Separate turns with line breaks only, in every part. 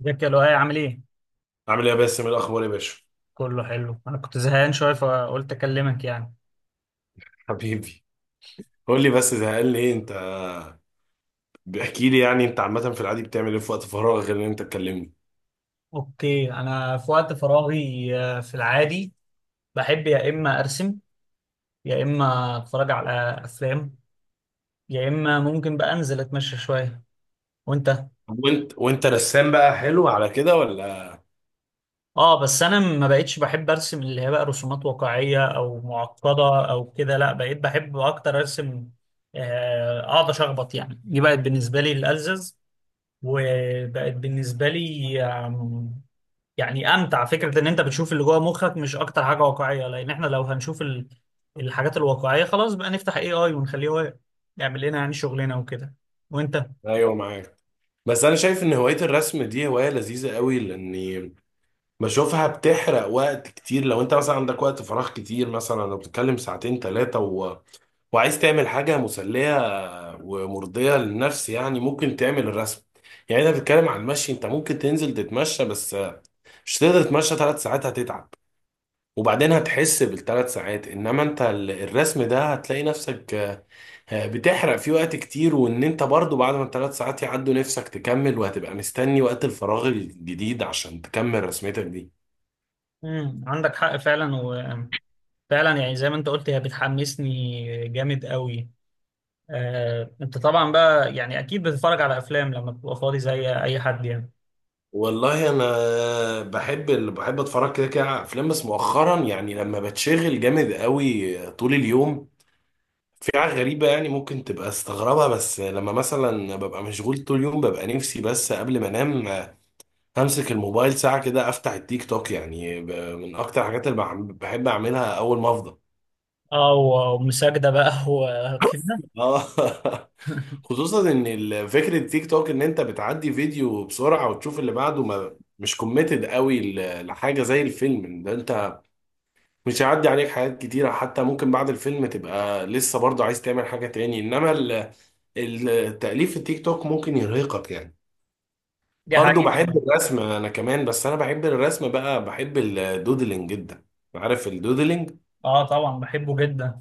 ازيك يا لؤي؟ عامل ايه؟
عامل ايه يا باسم، إيه الاخبار يا باشا؟
كله حلو. انا كنت زهقان شويه فقلت اكلمك يعني.
حبيبي، قول لي بس زهقان ليه انت؟ بحكي لي يعني انت عامه في العادي بتعمل ايه في وقت فراغ غير ان انت تكلمني؟
اوكي، انا في وقت فراغي، في العادي بحب يا اما ارسم، يا اما اتفرج على افلام، يا اما ممكن بقى انزل اتمشى شويه. وانت؟
طب وانت رسام بقى، حلو على كده ولا؟
اه بس انا ما بقتش بحب ارسم اللي هي بقى رسومات واقعيه او معقده او كده، لا بقيت بحب اكتر ارسم، اقعد اشخبط يعني. دي بقت بالنسبه لي الالزز، وبقت بالنسبه لي يعني امتع فكره ان انت بتشوف اللي جوه مخك، مش اكتر حاجه واقعيه، لان احنا لو هنشوف الحاجات الواقعيه خلاص بقى نفتح اي اي ونخليه هو يعمل لنا يعني شغلنا وكده. وانت؟
ايوه معاك. بس انا شايف ان هوايه الرسم دي هوايه لذيذه قوي لاني بشوفها بتحرق وقت كتير. لو انت مثلا عندك وقت فراغ كتير، مثلا لو بتتكلم ساعتين ثلاثه و... وعايز تعمل حاجه مسليه ومرضيه للنفس، يعني ممكن تعمل الرسم. يعني انت بتتكلم عن المشي، انت ممكن تنزل تتمشى بس مش تقدر تتمشى 3 ساعات، هتتعب. وبعدين هتحس بالثلاث ساعات، انما انت الرسم ده هتلاقي نفسك بتحرق فيه وقت كتير. وان انت برضو بعد ما الثلاث ساعات يعدوا، نفسك تكمل وهتبقى مستني وقت الفراغ الجديد عشان تكمل رسمتك دي.
عندك حق فعلا وفعلا، يعني زي ما انت قلت هي بتحمسني جامد قوي. انت طبعا بقى يعني اكيد بتتفرج على افلام لما بتبقى فاضي زي اي حد يعني.
والله انا بحب، اللي بحب اتفرج كده كده على افلام. بس مؤخرا يعني لما بتشغل جامد قوي طول اليوم، في حاجة غريبة يعني ممكن تبقى استغربها، بس لما مثلا ببقى مشغول طول اليوم ببقى نفسي، بس قبل ما انام همسك الموبايل ساعة كده، أفتح التيك توك، يعني من أكتر الحاجات اللي بحب أعملها أول ما أفضى.
اه ومساجدة بقى وكده.
اه خصوصا ان فكره التيك توك ان انت بتعدي فيديو بسرعه وتشوف اللي بعده، ما مش كوميتد قوي لحاجه زي الفيلم ده، انت مش هيعدي عليك حاجات كتيره، حتى ممكن بعد الفيلم تبقى لسه برضه عايز تعمل حاجه تاني، انما التأليف في التيك توك ممكن يرهقك يعني.
دي
برضه
حقيقة.
بحب الرسم انا كمان، بس انا بحب الرسم بقى، بحب الدودلينج جدا. عارف الدودلينج؟
اه طبعا بحبه جدا.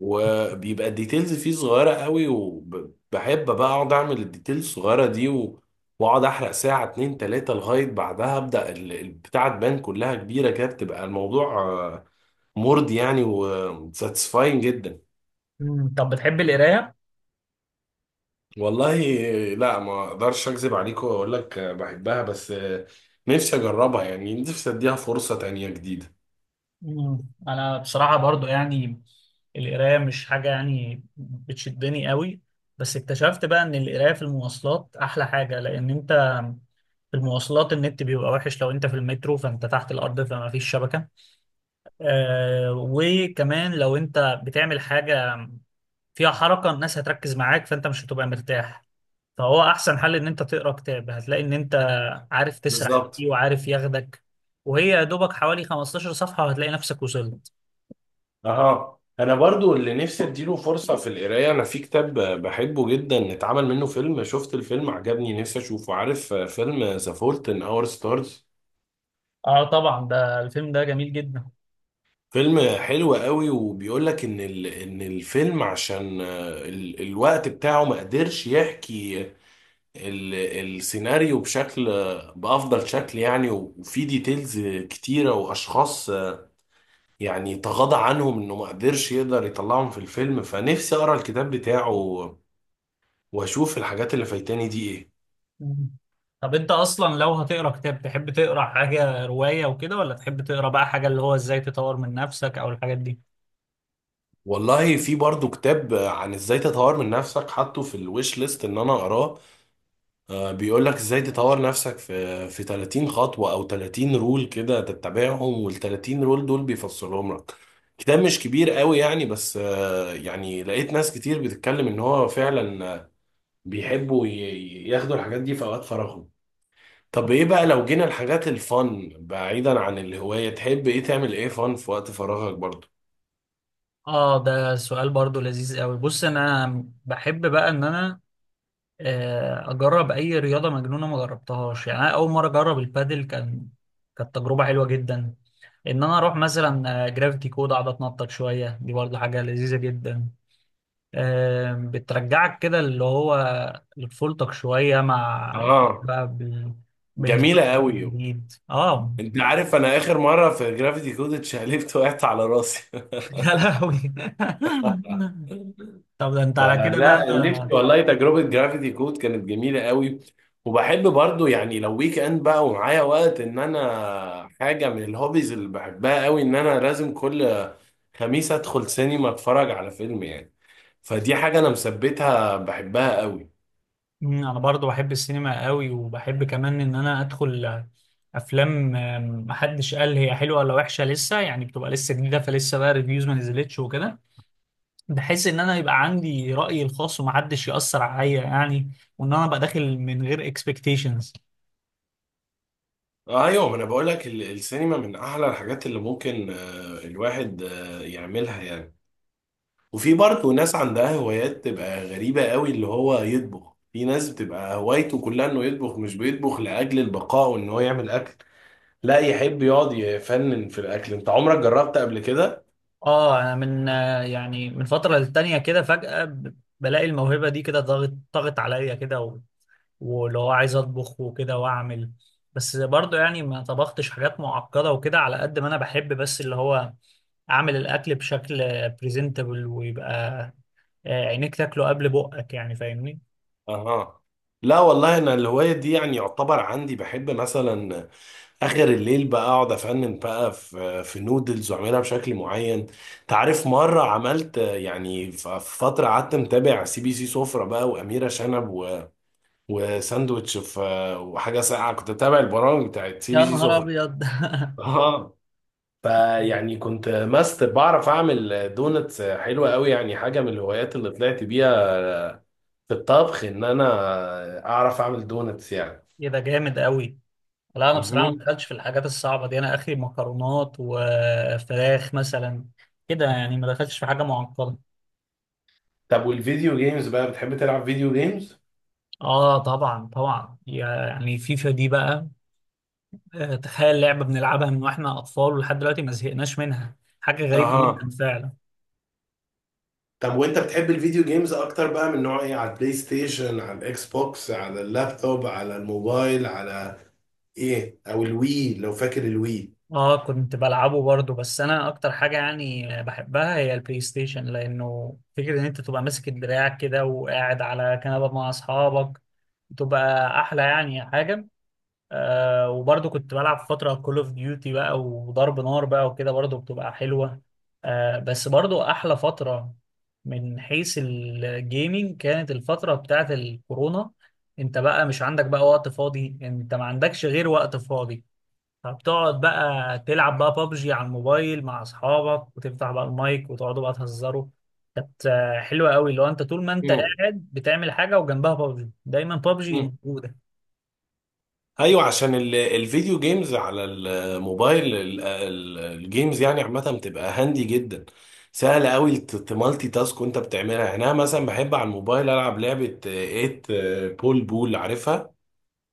وبيبقى الديتيلز فيه صغيره قوي، وبحب بقى اقعد اعمل الديتيلز الصغيره دي و... واقعد احرق ساعه اتنين تلاته لغايه بعدها ابدا البتاعه تبان كلها كبيره كده، بتبقى الموضوع مرضي يعني وساتسفاين جدا.
طب بتحب القراية؟
والله لا، ما اقدرش اكذب عليك واقول لك بحبها، بس نفسي اجربها، يعني نفسي اديها فرصه تانيه جديده.
مم. انا بصراحه برضو يعني القرايه مش حاجه يعني بتشدني قوي، بس اكتشفت بقى ان القرايه في المواصلات احلى حاجه، لان انت في المواصلات النت بيبقى وحش، لو انت في المترو فانت تحت الارض فما فيش شبكه. وكمان لو انت بتعمل حاجه فيها حركه، الناس هتركز معاك فانت مش هتبقى مرتاح، فهو احسن حل ان انت تقرا كتاب، هتلاقي ان انت عارف تسرح
بالظبط.
فيه وعارف ياخدك، وهي يا دوبك حوالي 15 صفحه وهتلاقي نفسك وصلت.
اه، انا برضو اللي نفسي اديله فرصة في القراية. انا في كتاب بحبه جدا اتعمل منه فيلم، شفت الفيلم عجبني، نفسي اشوفه. عارف فيلم ذا فولت ان اور ستارز؟
اه طبعا، ده الفيلم ده جميل جدا.
فيلم حلو قوي، وبيقول لك ان ان الفيلم عشان الوقت بتاعه ما قدرش يحكي السيناريو بشكل بافضل شكل يعني، وفي ديتيلز كتيرة واشخاص يعني تغاضى عنهم انه ما قدرش يقدر يطلعهم في الفيلم، فنفسي اقرا الكتاب بتاعه واشوف الحاجات اللي فايتاني دي ايه.
مم. طب انت اصلا لو هتقرا كتاب تحب تقرا حاجه روايه وكده، ولا تحب تقرا بقى حاجه اللي هو ازاي تطور من نفسك او الحاجات دي؟
والله في برضو كتاب عن ازاي تطور من نفسك، حاطه في الويش ليست ان انا اقراه. بيقول لك ازاي تطور نفسك في 30 خطوة او 30 رول كده تتبعهم، وال 30 رول دول بيفصلهم لك. كتاب مش كبير قوي يعني، بس يعني لقيت ناس كتير بتتكلم ان هو فعلا بيحبوا ياخدوا الحاجات دي في اوقات فراغهم. طب ايه بقى لو جينا الحاجات الفن بعيدا عن الهواية، تحب ايه تعمل ايه فن في وقت فراغك برضو؟
اه، ده سؤال برضو لذيذ قوي. بص، انا بحب بقى ان انا اجرب اي رياضه مجنونه ما جربتهاش يعني. انا اول مره اجرب البادل، كانت تجربه حلوه جدا. ان انا اروح مثلا جرافيتي كود اقعد اتنطط شويه، دي برضو حاجه لذيذه جدا. بترجعك كده اللي هو لطفولتك شوية. مع انت
اه،
بقى بهزارك
جميلة
بقى
قوي.
الجديد. اه
انت عارف انا اخر مرة في جرافيتي كود اتشقلبت وقعت على راسي
يا لهوي. طب ده انت على كده بقى.
فلا، نفسي والله تجربة جرافيتي كود كانت جميلة قوي. وبحب برضو يعني لو ويك اند بقى ومعايا وقت، ان انا حاجة من الهوبيز اللي بحبها قوي ان انا لازم كل خميس ادخل سينما اتفرج على فيلم يعني، فدي حاجة انا مثبتها بحبها قوي.
انا برضو بحب السينما قوي، وبحب كمان ان انا ادخل افلام محدش قال هي حلوه ولا وحشه، لسه يعني بتبقى لسه جديده فلسه بقى ريفيوز ما نزلتش وكده. بحس ان انا يبقى عندي رايي الخاص ومحدش ياثر عليا يعني، وان انا ابقى داخل من غير expectations.
ايوه، ما انا بقول لك السينما من احلى الحاجات اللي ممكن الواحد يعملها يعني. وفي برضه ناس عندها هوايات تبقى غريبة قوي، اللي هو يطبخ. في ناس بتبقى هوايته كلها انه يطبخ، مش بيطبخ لأجل البقاء وان هو يعمل أكل، لا يحب يقعد يفنن في الأكل. انت عمرك جربت قبل كده؟
اه انا من يعني من فتره للتانيه كده فجاه بلاقي الموهبه دي كده ضاغط ضاغط عليا كده، واللي هو عايز اطبخ وكده واعمل. بس برضه يعني ما طبختش حاجات معقده وكده، على قد ما انا بحب بس اللي هو اعمل الاكل بشكل بريزنتبل، ويبقى عينيك تاكله قبل بقك يعني، فاهمني؟
اها. لا والله، انا الهواية دي يعني يعتبر عندي، بحب مثلا اخر الليل بقى اقعد افنن بقى في نودلز واعملها بشكل معين. تعرف مرة عملت يعني، في فترة قعدت متابع سي بي سي سفرة بقى، وأميرة شنب، وساندوتش في، وحاجه ساقعه. كنت بتابع البرامج بتاعت سي بي
يا
سي
نهار
سفر.
ابيض
اه. فيعني كنت ماستر، بعرف اعمل دونتس حلوه قوي يعني، حاجه من الهوايات اللي طلعت بيها في الطبخ ان انا اعرف اعمل دونتس يعني.
كده جامد قوي. لا انا بصراحه ما
مهم.
دخلتش في الحاجات الصعبه دي، انا اخري مكرونات وفراخ مثلا كده، يعني ما دخلتش في حاجه معقده.
طب والفيديو جيمز بقى، بتحب تلعب فيديو جيمز؟
اه طبعا طبعا، يعني فيفا دي بقى، تخيل لعبة بنلعبها من واحنا اطفال ولحد دلوقتي ما زهقناش منها، حاجة غريبة جدا
اها.
فعلا.
طب وانت بتحب الفيديو جيمز اكتر بقى من نوع ايه، على البلاي ستيشن، على الاكس بوكس، على اللابتوب، على الموبايل، على ايه؟ او الوي، لو فاكر الوي.
اه كنت بلعبه برضو، بس انا اكتر حاجة يعني بحبها هي البلاي ستيشن، لانه فكرة ان انت تبقى ماسك الدراع كده وقاعد على كنبة مع اصحابك، بتبقى احلى يعني حاجة. وبرضه كنت بلعب فترة كول اوف ديوتي بقى وضرب نار بقى وكده، برضه بتبقى حلوة. بس برضه أحلى فترة من حيث الجيمنج كانت الفترة بتاعت الكورونا. انت بقى مش عندك بقى وقت فاضي، انت ما عندكش غير وقت فاضي، فبتقعد بقى تلعب بقى بابجي على الموبايل مع اصحابك، وتفتح بقى المايك وتقعدوا بقى تهزروا. كانت حلوة قوي. لو انت طول ما انت
مم.
قاعد بتعمل حاجة وجنبها بابجي، دايما بابجي موجودة.
ايوه، عشان الفيديو جيمز على الموبايل الجيمز يعني عامه بتبقى هاندي جدا. سهل قوي تمالتي تاسك وانت بتعملها، يعني انا مثلا بحب على الموبايل العب لعبه 8 بول بول، عارفها؟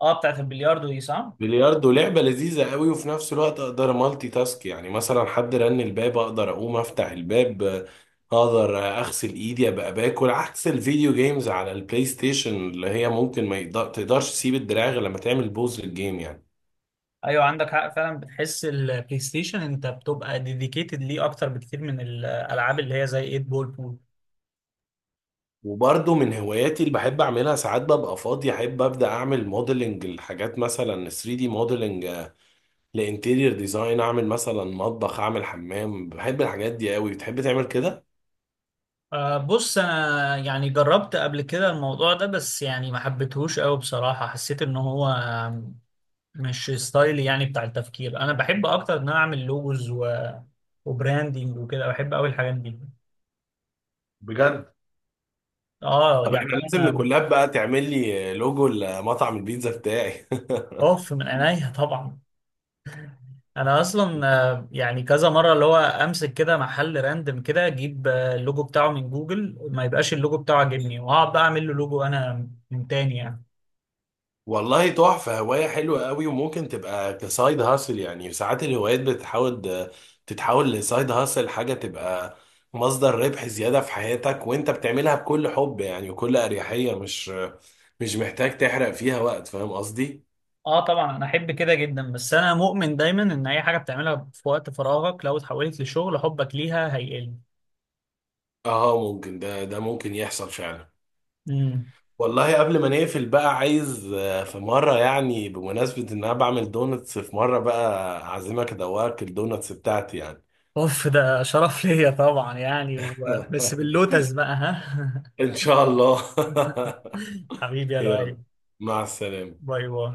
اه بتاعت البلياردو دي صح؟
بلياردو لعبه لذيذه قوي، وفي نفس الوقت اقدر مالتي تاسك، يعني مثلا حد رن الباب اقدر اقوم افتح الباب، اقدر اغسل ايدي ابقى باكل. عكس الفيديو جيمز على البلاي ستيشن، اللي هي ممكن ما يقدر- تقدرش تسيب الدراع غير لما تعمل بوز للجيم يعني.
ايوه عندك حق فعلا، بتحس البلاي ستيشن انت بتبقى ديديكيتد ليه اكتر بكتير من الالعاب اللي هي زي 8 بول بول.
وبرضه من هواياتي اللي بحب اعملها، ساعات ببقى فاضي احب ابدا اعمل موديلنج لحاجات، مثلا 3 دي موديلنج لانتيرير ديزاين، اعمل مثلا مطبخ، اعمل حمام. بحب الحاجات دي قوي، بتحب تعمل كده؟
بص انا يعني جربت قبل كده الموضوع ده، بس يعني ما حبيتهوش قوي بصراحة، حسيت ان هو مش ستايلي يعني بتاع التفكير. انا بحب اكتر ان انا اعمل لوجوز، وبراندينج وكده، بحب قوي الحاجات دي.
بجد؟
اه
طب
يعني.
احنا لازم
انا
نكولاب بقى، تعمل لي لوجو لمطعم البيتزا بتاعي
اوف من عينيا طبعا. انا اصلا يعني كذا مره اللي هو امسك كده محل راندم كده، اجيب اللوجو بتاعه من جوجل ما يبقاش اللوجو بتاعه عاجبني، واقعد بقى اعمل له لوجو انا من تاني يعني.
والله تحفة، هواية حلوة قوي، وممكن تبقى كسايد هاسل يعني. ساعات الهوايات بتحاول تتحول لسايد هاسل، حاجة تبقى مصدر ربح زيادة في حياتك، وانت بتعملها بكل حب يعني وكل أريحية، مش محتاج تحرق فيها وقت، فاهم قصدي؟
اه طبعا انا احب كده جدا، بس انا مؤمن دايما ان اي حاجه بتعملها في وقت فراغك لو اتحولت لشغل حبك ليها هيقل.
اه، ممكن ده ممكن يحصل فعلا.
امم
والله قبل ما نقفل بقى، عايز في مرة يعني، بمناسبة ان انا بعمل دونتس، في مرة بقى اعزمك ادوقك الدونتس بتاعتي يعني.
اوف، ده شرف ليا طبعا يعني، بس باللوتس بقى ها.
ان شاء الله.
حبيبي يا لؤي.
يلا، مع السلامة.
باي باي.